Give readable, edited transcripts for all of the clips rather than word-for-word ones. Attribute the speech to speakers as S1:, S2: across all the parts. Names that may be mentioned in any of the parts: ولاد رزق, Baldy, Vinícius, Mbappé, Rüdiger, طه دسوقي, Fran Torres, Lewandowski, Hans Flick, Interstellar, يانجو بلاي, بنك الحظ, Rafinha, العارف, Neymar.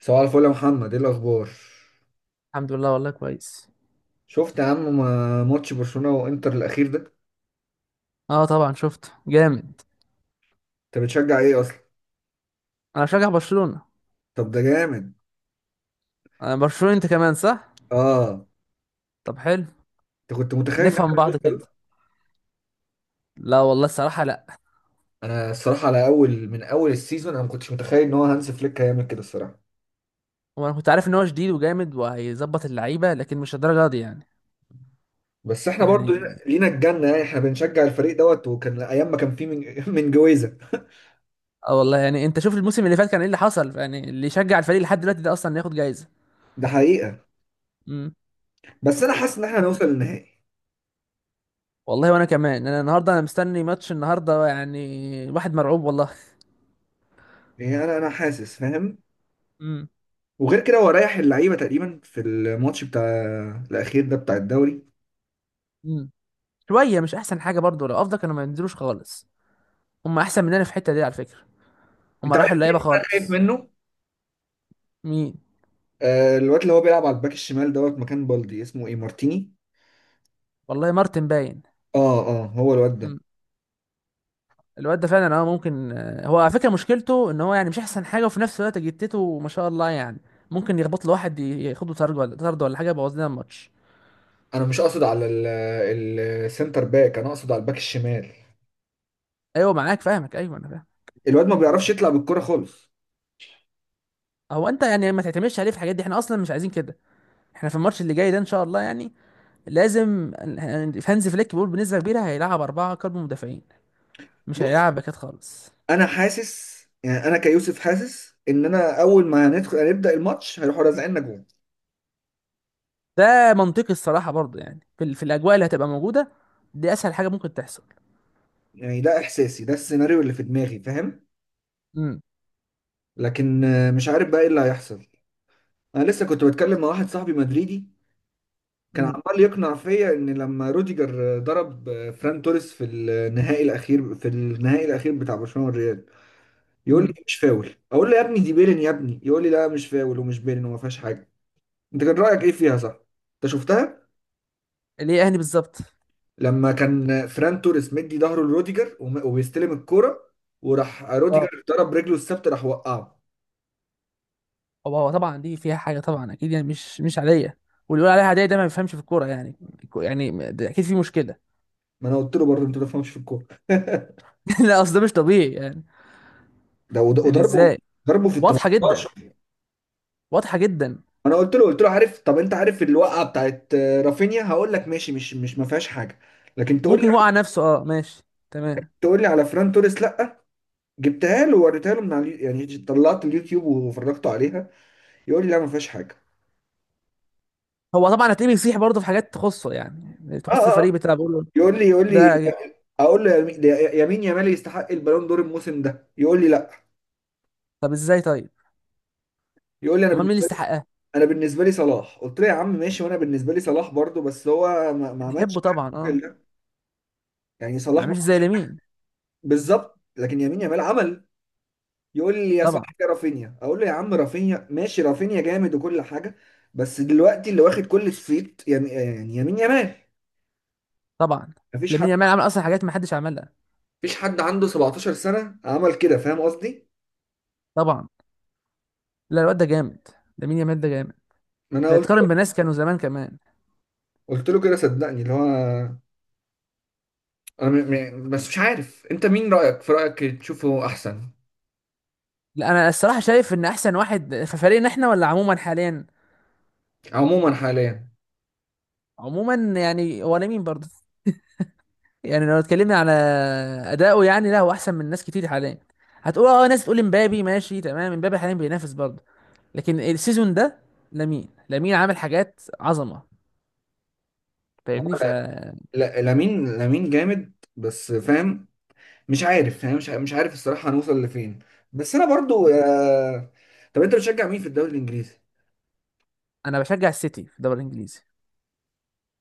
S1: صباح الفل يا محمد، ايه الاخبار؟
S2: الحمد لله والله كويس.
S1: شفت يا عم ماتش برشلونة وانتر الاخير ده؟
S2: اه طبعا شفت جامد.
S1: انت بتشجع ايه اصلا؟
S2: انا بشجع برشلونة.
S1: طب ده جامد.
S2: انا برشلونة، انت كمان صح؟
S1: اه.
S2: طب حلو.
S1: انت كنت متخيل ان
S2: نفهم
S1: احنا
S2: بعض كده.
S1: هنوصل؟
S2: لا والله الصراحة لا.
S1: انا الصراحه على اول، من اول السيزون، انا ما كنتش متخيل ان هو هانز فليك هيعمل كده الصراحه.
S2: وانا كنت عارف ان هو شديد وجامد وهيظبط اللعيبة لكن مش الدرجة دي يعني.
S1: بس احنا برضو
S2: يعني
S1: لينا الجنه، يعني احنا بنشجع الفريق دوت، وكان ايام ما كان فيه من من جويزه.
S2: اه والله، يعني انت شوف الموسم اللي فات كان ايه اللي حصل، يعني اللي يشجع الفريق لحد دلوقتي ده اصلا ياخد جايزة.
S1: ده حقيقه.
S2: امم.
S1: بس انا حاسس ان احنا هنوصل للنهائي.
S2: والله وانا كمان، انا النهارده مستني ماتش النهارده يعني. واحد مرعوب والله.
S1: يعني انا حاسس، فاهم.
S2: امم.
S1: وغير كده هو ريح اللعيبه تقريبا في الماتش بتاع الاخير ده بتاع الدوري.
S2: امم. شوية مش احسن حاجة برضو، لو افضل كانوا ما ينزلوش خالص. هم احسن مننا في الحتة دي على فكرة.
S1: انت
S2: هما
S1: عارف
S2: رايحوا
S1: مين
S2: اللعيبه
S1: اللي انا خايف
S2: خالص.
S1: منه؟
S2: مين؟
S1: آه الواد اللي هو بيلعب على الباك الشمال دوت، مكان بالدي، اسمه ايه؟ مارتيني.
S2: والله مارتن باين.
S1: اه اه، هو الواد ده.
S2: مم. الواد ده فعلا، اه، ممكن، هو على فكره مشكلته ان هو يعني مش احسن حاجه، وفي نفس الوقت جتته ما شاء الله يعني. ممكن يخبط له واحد، ياخده طرد، ولا طرد ولا حاجه يبوظ لنا الماتش.
S1: انا مش اقصد على السنتر باك، انا اقصد على الباك الشمال.
S2: ايوه معاك فاهمك، ايوه انا فاهم.
S1: الواد ما بيعرفش يطلع بالكرة خالص.
S2: هو انت يعني ما تعتمدش عليه في الحاجات دي، احنا اصلا مش عايزين كده. احنا في الماتش اللي جاي ده ان شاء الله يعني لازم، هانز فليك بيقول بنسبه كبيره هيلعب اربعه قلب مدافعين. مش
S1: بص،
S2: هيلعب باكات خالص.
S1: انا حاسس، يعني انا كيوسف حاسس ان انا اول ما هندخل هنبدأ الماتش هيروحوا رازعيننا جول.
S2: ده منطقي الصراحه برضه، يعني في الاجواء اللي هتبقى موجوده دي اسهل حاجه ممكن تحصل.
S1: يعني ده احساسي، ده السيناريو اللي في دماغي، فاهم.
S2: امم.
S1: لكن مش عارف بقى ايه اللي هيحصل. انا لسه كنت بتكلم مع واحد صاحبي مدريدي، كان
S2: امم.
S1: عمال يقنع فيا ان لما روديجر ضرب فران توريس في النهائي الاخير، في النهائي الاخير بتاع برشلونه والريال، يقول
S2: امم.
S1: لي مش فاول. اقول له يا ابني دي بيلين يا ابني. يقول لي لا، مش فاول ومش بيلين وما فيهاش حاجه. انت كان رايك ايه فيها؟ صح؟ انت شفتها؟
S2: اللي هي اهلي بالظبط.
S1: لما كان فران توريس مدي ظهره لروديجر وبيستلم الكوره، وراح
S2: اه،
S1: روديجر ضرب رجله الثابته، راح وقعه.
S2: هو طبعا دي فيها حاجه طبعا اكيد، يعني مش عاديه. واللي يقول عليها عاديه ده ما بيفهمش في الكوره يعني. يعني، ده اكيد في مشكله.
S1: ما انا قلت له برضه انت ما تفهمش في الكوره.
S2: لا، اصل ده مش طبيعي يعني.
S1: ده
S2: يعني
S1: وضربه،
S2: ازاي؟
S1: ضربه في ال
S2: واضحه جدا.
S1: 18.
S2: واضحه جدا.
S1: انا قلت له، قلت له عارف، طب انت عارف الوقعه بتاعت رافينيا؟ هقول لك ماشي، مش ما فيهاش حاجه، لكن تقول لي،
S2: ممكن يوقع نفسه، اه ماشي. تمام.
S1: تقول لي على فران توريس لا؟ جبتها له ووريتها له من على يعني طلعت اليوتيوب وفرجته عليها، يقول لي لا، ما فيهاش حاجه.
S2: هو طبعا هتلاقيه بيصيح برضه في حاجات تخصه، يعني
S1: اه اه،
S2: تخص الفريق بتاعه بيقول له.
S1: يقول لي، يقول
S2: ده
S1: لي،
S2: جد.
S1: اقول له ده يمين يامال يستحق البالون دور الموسم ده، يقول لي لا.
S2: طب ازاي طيب؟
S1: يقول لي انا
S2: امال مين اللي
S1: بالنسبه لي،
S2: يستحقها؟
S1: انا بالنسبه لي صلاح. قلت له يا عم ماشي، وانا بالنسبه لي صلاح برضو، بس هو ما عملش
S2: بنحبه
S1: حاجه
S2: طبعا
S1: في
S2: اه.
S1: يعني
S2: ما
S1: صلاح ما،
S2: عملش زي لامين.
S1: بالظبط، لكن يمين يامال عمل. يقول لي يا
S2: طبعا.
S1: صاحبي رافينيا، اقول له يا عم رافينيا ماشي، رافينيا جامد وكل حاجه، بس دلوقتي اللي واخد كل الصيت يعني، يعني يمين يمال.
S2: طبعا
S1: مفيش حد،
S2: لامين يامال عمل اصلا حاجات ما حدش عملها.
S1: مفيش حد عنده 17 سنه عمل كده، فاهم قصدي؟
S2: طبعا. لا، الواد ده جامد. ده مين يامال ده جامد.
S1: ما انا
S2: ده
S1: قلت
S2: يتقارن
S1: له،
S2: بناس كانوا زمان كمان.
S1: قلت له كده صدقني اللي هو، انا م... بس مش عارف انت مين رايك؟ في رايك تشوفه احسن؟
S2: لا انا الصراحه شايف ان احسن واحد في فريقنا احنا ولا عموما حاليا.
S1: عموما حاليا.
S2: عموما يعني هو لامين برضه. يعني لو اتكلمنا على اداؤه، يعني لا هو احسن من ناس كتير حاليا. هتقول اه، ناس تقول امبابي ماشي تمام، امبابي حاليا بينافس برضه، لكن السيزون ده لامين، لامين عامل حاجات عظمه.
S1: هو
S2: فاهمني، ف...
S1: لا، لامين جامد، بس فاهم. مش عارف، فاهم، مش عارف الصراحه هنوصل لفين. بس انا برضو طب انت بتشجع مين في الدوري الانجليزي؟
S2: انا بشجع السيتي في الدوري الانجليزي.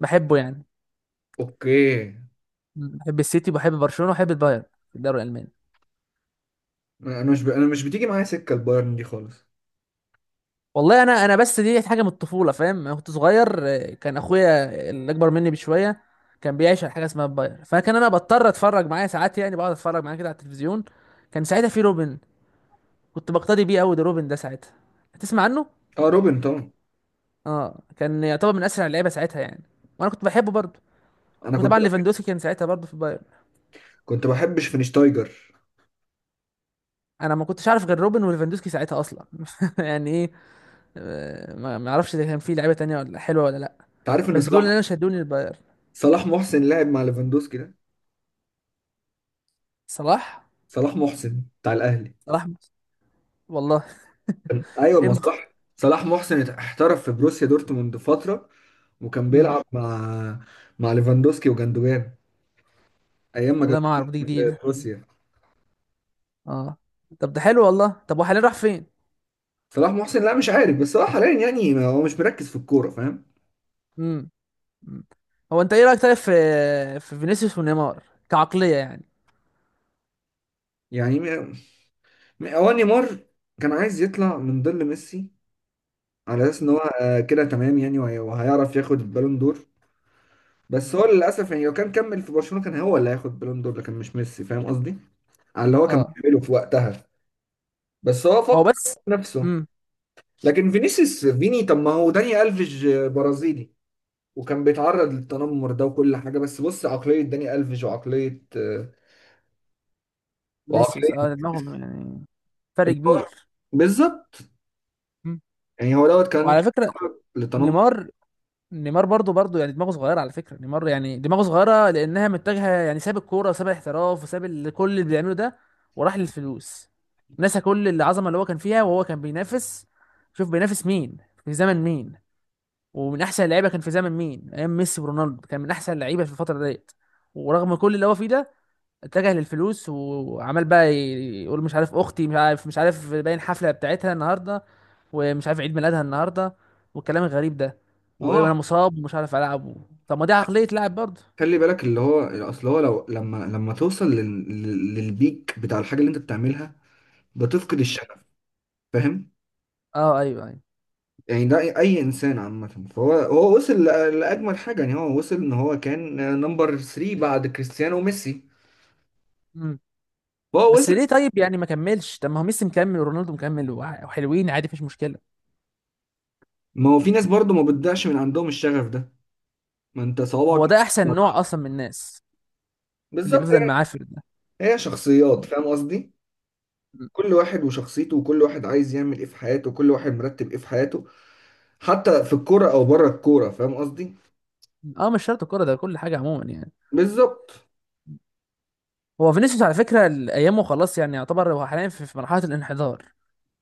S2: بحبه يعني.
S1: اوكي.
S2: بحب السيتي، بحب برشلونه وبحب البايرن في الدوري الالماني.
S1: انا مش بتيجي معايا سكه البايرن دي خالص.
S2: والله انا بس دي حاجه من الطفوله، فاهم انا كنت صغير، كان اخويا اللي اكبر مني بشويه كان بيعيش على حاجه اسمها الباير، فكان انا بضطر اتفرج معاه ساعات، يعني بقعد اتفرج معاه كده على التلفزيون. كان ساعتها في روبن، كنت بقتدي بيه قوي، ده روبن ده ساعتها هتسمع عنه.
S1: اه روبن طبعا.
S2: اه، كان يعتبر من اسرع اللعيبه ساعتها يعني، وانا كنت بحبه برضه.
S1: انا كنت
S2: وطبعا
S1: بح...
S2: ليفاندوسكي كان ساعتها برضه في الباير.
S1: كنت بحب شفينشتايجر.
S2: انا ما كنتش عارف غير روبن وليفاندوسكي ساعتها اصلا. يعني ايه؟ ما اعرفش اذا كان في لعيبه تانية ولا حلوه ولا لا.
S1: انت عارف ان
S2: بس دول
S1: صلاح،
S2: اللي انا شدوني الباير.
S1: صلاح محسن لعب مع ليفاندوسكي ده؟
S2: صلاح؟
S1: صلاح محسن بتاع الاهلي.
S2: صلاح؟ والله.
S1: ايوه، ما
S2: امتى؟
S1: صلاح، صلاح محسن احترف في بروسيا دورتموند فتره، وكان
S2: امم.
S1: بيلعب مع، مع ليفاندوسكي وجندوجان، ايام ما كان
S2: والله ما اعرف، دي
S1: في
S2: جديده.
S1: بروسيا.
S2: اه، طب ده حلو والله. طب وحاليا راح فين؟
S1: صلاح محسن، لا مش عارف، بس هو حاليا يعني هو مش مركز في الكوره، فاهم.
S2: امم. أمم. هو انت ايه رايك طيب في في فينيسيوس ونيمار، كعقليه يعني؟
S1: يعني هو نيمار كان عايز يطلع من ظل ميسي على اساس ان هو
S2: أمم.
S1: كده تمام يعني، وهيعرف ياخد البالون دور، بس
S2: أمم.
S1: هو للاسف يعني لو كان كمل في برشلونة كان هو اللي هياخد البالون دور، لكن مش ميسي، فاهم قصدي، على اللي هو كان
S2: اه
S1: بيعمله في وقتها. بس هو
S2: هو
S1: فكر
S2: بس.
S1: في نفسه.
S2: امم.
S1: لكن فينيسيوس، فيني، طب ما هو داني الفيج برازيلي وكان بيتعرض للتنمر ده وكل حاجة، بس بص عقلية داني الفيج وعقلية
S2: فينيسيوس،
S1: وعقلية
S2: اه دماغهم يعني فرق
S1: إن هو-
S2: كبير.
S1: بالظبط،
S2: أمم.
S1: يعني هو دوت كان
S2: وعلى فكره
S1: للتنمر.
S2: نيمار، نيمار برضو برضو يعني دماغه صغيره، على فكره نيمار يعني دماغه صغيره لانها متجهه، يعني ساب الكوره وساب الاحتراف وساب كل اللي بيعمله ده، وراح للفلوس. نسى كل العظمه اللي هو كان فيها، وهو كان بينافس، شوف بينافس مين، في زمن مين، ومن احسن اللعيبه كان في زمن مين، ايام ميسي ورونالدو كان من احسن اللعيبه في الفتره ديت. ورغم كل اللي هو فيه ده اتجه للفلوس، وعمال بقى يقول مش عارف اختي، مش عارف باين حفله بتاعتها النهارده، ومش عارف عيد ميلادها النهارده، والكلام الغريب ده،
S1: اه،
S2: وانا مصاب ومش عارف العب، طب ما دي عقليه لاعب برضه.
S1: خلي بالك اللي هو، اصل هو لو، لما توصل للبيك بتاع الحاجه اللي انت بتعملها، بتفقد
S2: مم.
S1: الشغف، فاهم.
S2: اه ايوه ايوه.
S1: يعني ده اي، أي انسان عامه، فهو وصل لاجمل حاجه، يعني هو وصل ان هو كان نمبر 3 بعد كريستيانو وميسي.
S2: مم.
S1: فهو
S2: بس
S1: وصل.
S2: ليه طيب، يعني ما كملش؟ طب ما هو ميسي مكمل ورونالدو مكمل، وحلوين عادي، مفيش مشكله.
S1: ما هو في ناس برضو ما بتضيعش من عندهم الشغف ده. ما انت
S2: هو
S1: صوابعك.
S2: ده احسن نوع اصلا من الناس، اللي
S1: بالظبط،
S2: بيفضل
S1: يعني
S2: معاه في ده.
S1: هي شخصيات،
S2: مم.
S1: فاهم قصدي.
S2: مم.
S1: كل واحد وشخصيته، وكل واحد عايز يعمل ايه في حياته، وكل واحد مرتب ايه في حياته، حتى في الكوره او بره الكوره، فاهم قصدي.
S2: اه مش شرط الكوره، ده كل حاجه عموما يعني.
S1: بالظبط.
S2: هو فينيسيوس على فكره ايامه خلاص، يعني يعتبر هو حاليا في مرحله الانحدار،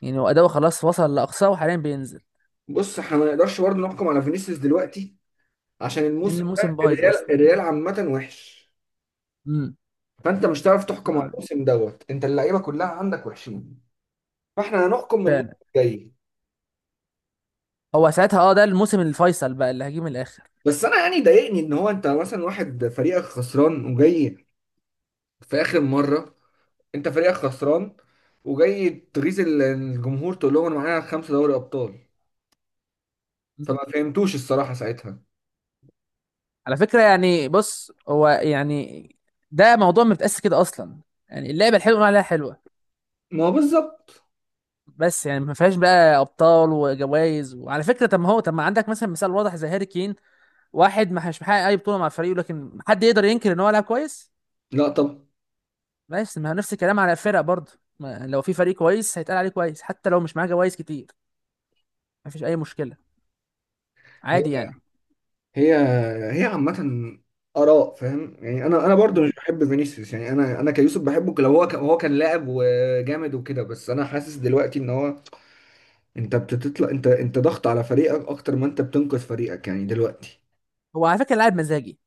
S2: يعني هو اداؤه خلاص وصل لاقصاه وحاليا بينزل،
S1: بص، احنا ما نقدرش برضه نحكم على فينيسيوس دلوقتي عشان
S2: لان
S1: الموسم ده
S2: الموسم بايظ
S1: الريال،
S2: اصلا.
S1: الريال عامة وحش،
S2: امم.
S1: فانت مش هتعرف تحكم على
S2: آه.
S1: الموسم دوت، انت اللعيبة كلها عندك وحشين، فاحنا هنحكم من الموسم
S2: فعلا.
S1: الجاي.
S2: هو ساعتها، اه ده الموسم الفيصل بقى اللي هجيه من الاخر.
S1: بس انا يعني ضايقني ان هو، انت مثلا واحد فريقك خسران وجاي في اخر مرة، انت فريقك خسران وجاي تغيظ الجمهور تقول لهم انا معايا خمسة دوري ابطال؟
S2: مم.
S1: فما فهمتوش الصراحة ساعتها.
S2: على فكره يعني بص هو يعني ده موضوع ما بيتقاس كده اصلا. يعني اللعبه الحلوه نقول عليها حلوه،
S1: ما هو بالظبط.
S2: بس يعني ما فيهاش بقى ابطال وجوائز. وعلى فكره، طب ما هو، طب ما عندك مثلا مثال واضح زي هاري كين، واحد ما مش محقق اي بطوله مع فريقه لكن حد يقدر ينكر ان هو لعب كويس.
S1: لا طب،
S2: بس ما هو نفس الكلام على الفرق برضه، لو في فريق كويس هيتقال عليه كويس حتى لو مش معاه جوائز كتير، مفيش اي مشكله، عادي يعني.
S1: هي، هي عامة آراء، فاهم يعني. أنا برضو مش
S2: مم.
S1: بحب فينيسيوس. يعني أنا كيوسف بحبه لو هو هو كان لاعب وجامد وكده، بس أنا حاسس دلوقتي إن هو، أنت بتطلع، أنت ضغط على فريقك أكتر ما أنت بتنقذ فريقك، يعني دلوقتي.
S2: هو على فكره لاعب مزاجي،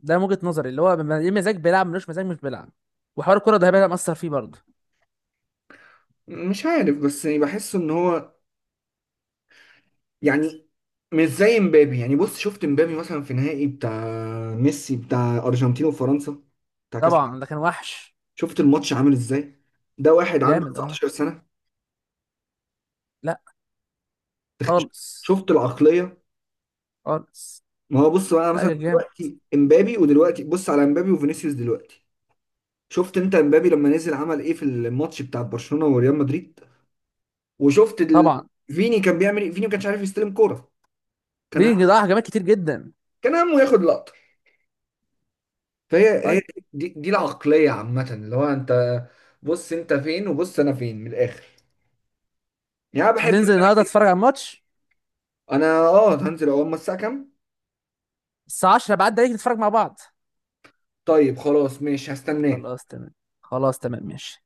S2: ده من وجهه نظري، اللي هو ليه مزاج بيلعب، ملوش مزاج مش بيلعب، وحوار الكره ده هيبقى مأثر فيه برضه.
S1: مش عارف، بس يعني بحس إن هو، يعني مش زي امبابي. يعني بص، شفت امبابي مثلا في نهائي بتاع ميسي بتاع أرجنتين وفرنسا، بتاع كأس،
S2: طبعا ده كان وحش.
S1: شفت الماتش عامل إزاي؟ ده واحد عنده
S2: جامد اه.
S1: 19 سنة.
S2: لا. خالص.
S1: شفت العقلية؟
S2: خالص.
S1: ما هو بص بقى، انا
S2: لا
S1: مثلا
S2: ده جامد.
S1: دلوقتي امبابي، ودلوقتي بص على امبابي وفينيسيوس دلوقتي، شفت انت امبابي لما نزل عمل ايه في الماتش بتاع برشلونة وريال مدريد؟ وشفت
S2: طبعا.
S1: فيني كان بيعمل ايه؟ فيني ما كانش عارف يستلم كورة، كان هم...
S2: فينج ضيع هجمات كتير جدا.
S1: كان همه ياخد لقطة. فهي هي،
S2: طيب،
S1: دي العقلية عامة، اللي هو انت بص انت فين، وبص انا فين من الاخر. يعني انا
S2: مش
S1: بحب،
S2: هتنزل النهارده تتفرج على الماتش؟
S1: انا اه هنزل. اول ما الساعة كام؟
S2: الساعه 10 بعد عليك نتفرج مع بعض.
S1: طيب خلاص ماشي، هستناك.
S2: خلاص تمام. خلاص تمام ماشي.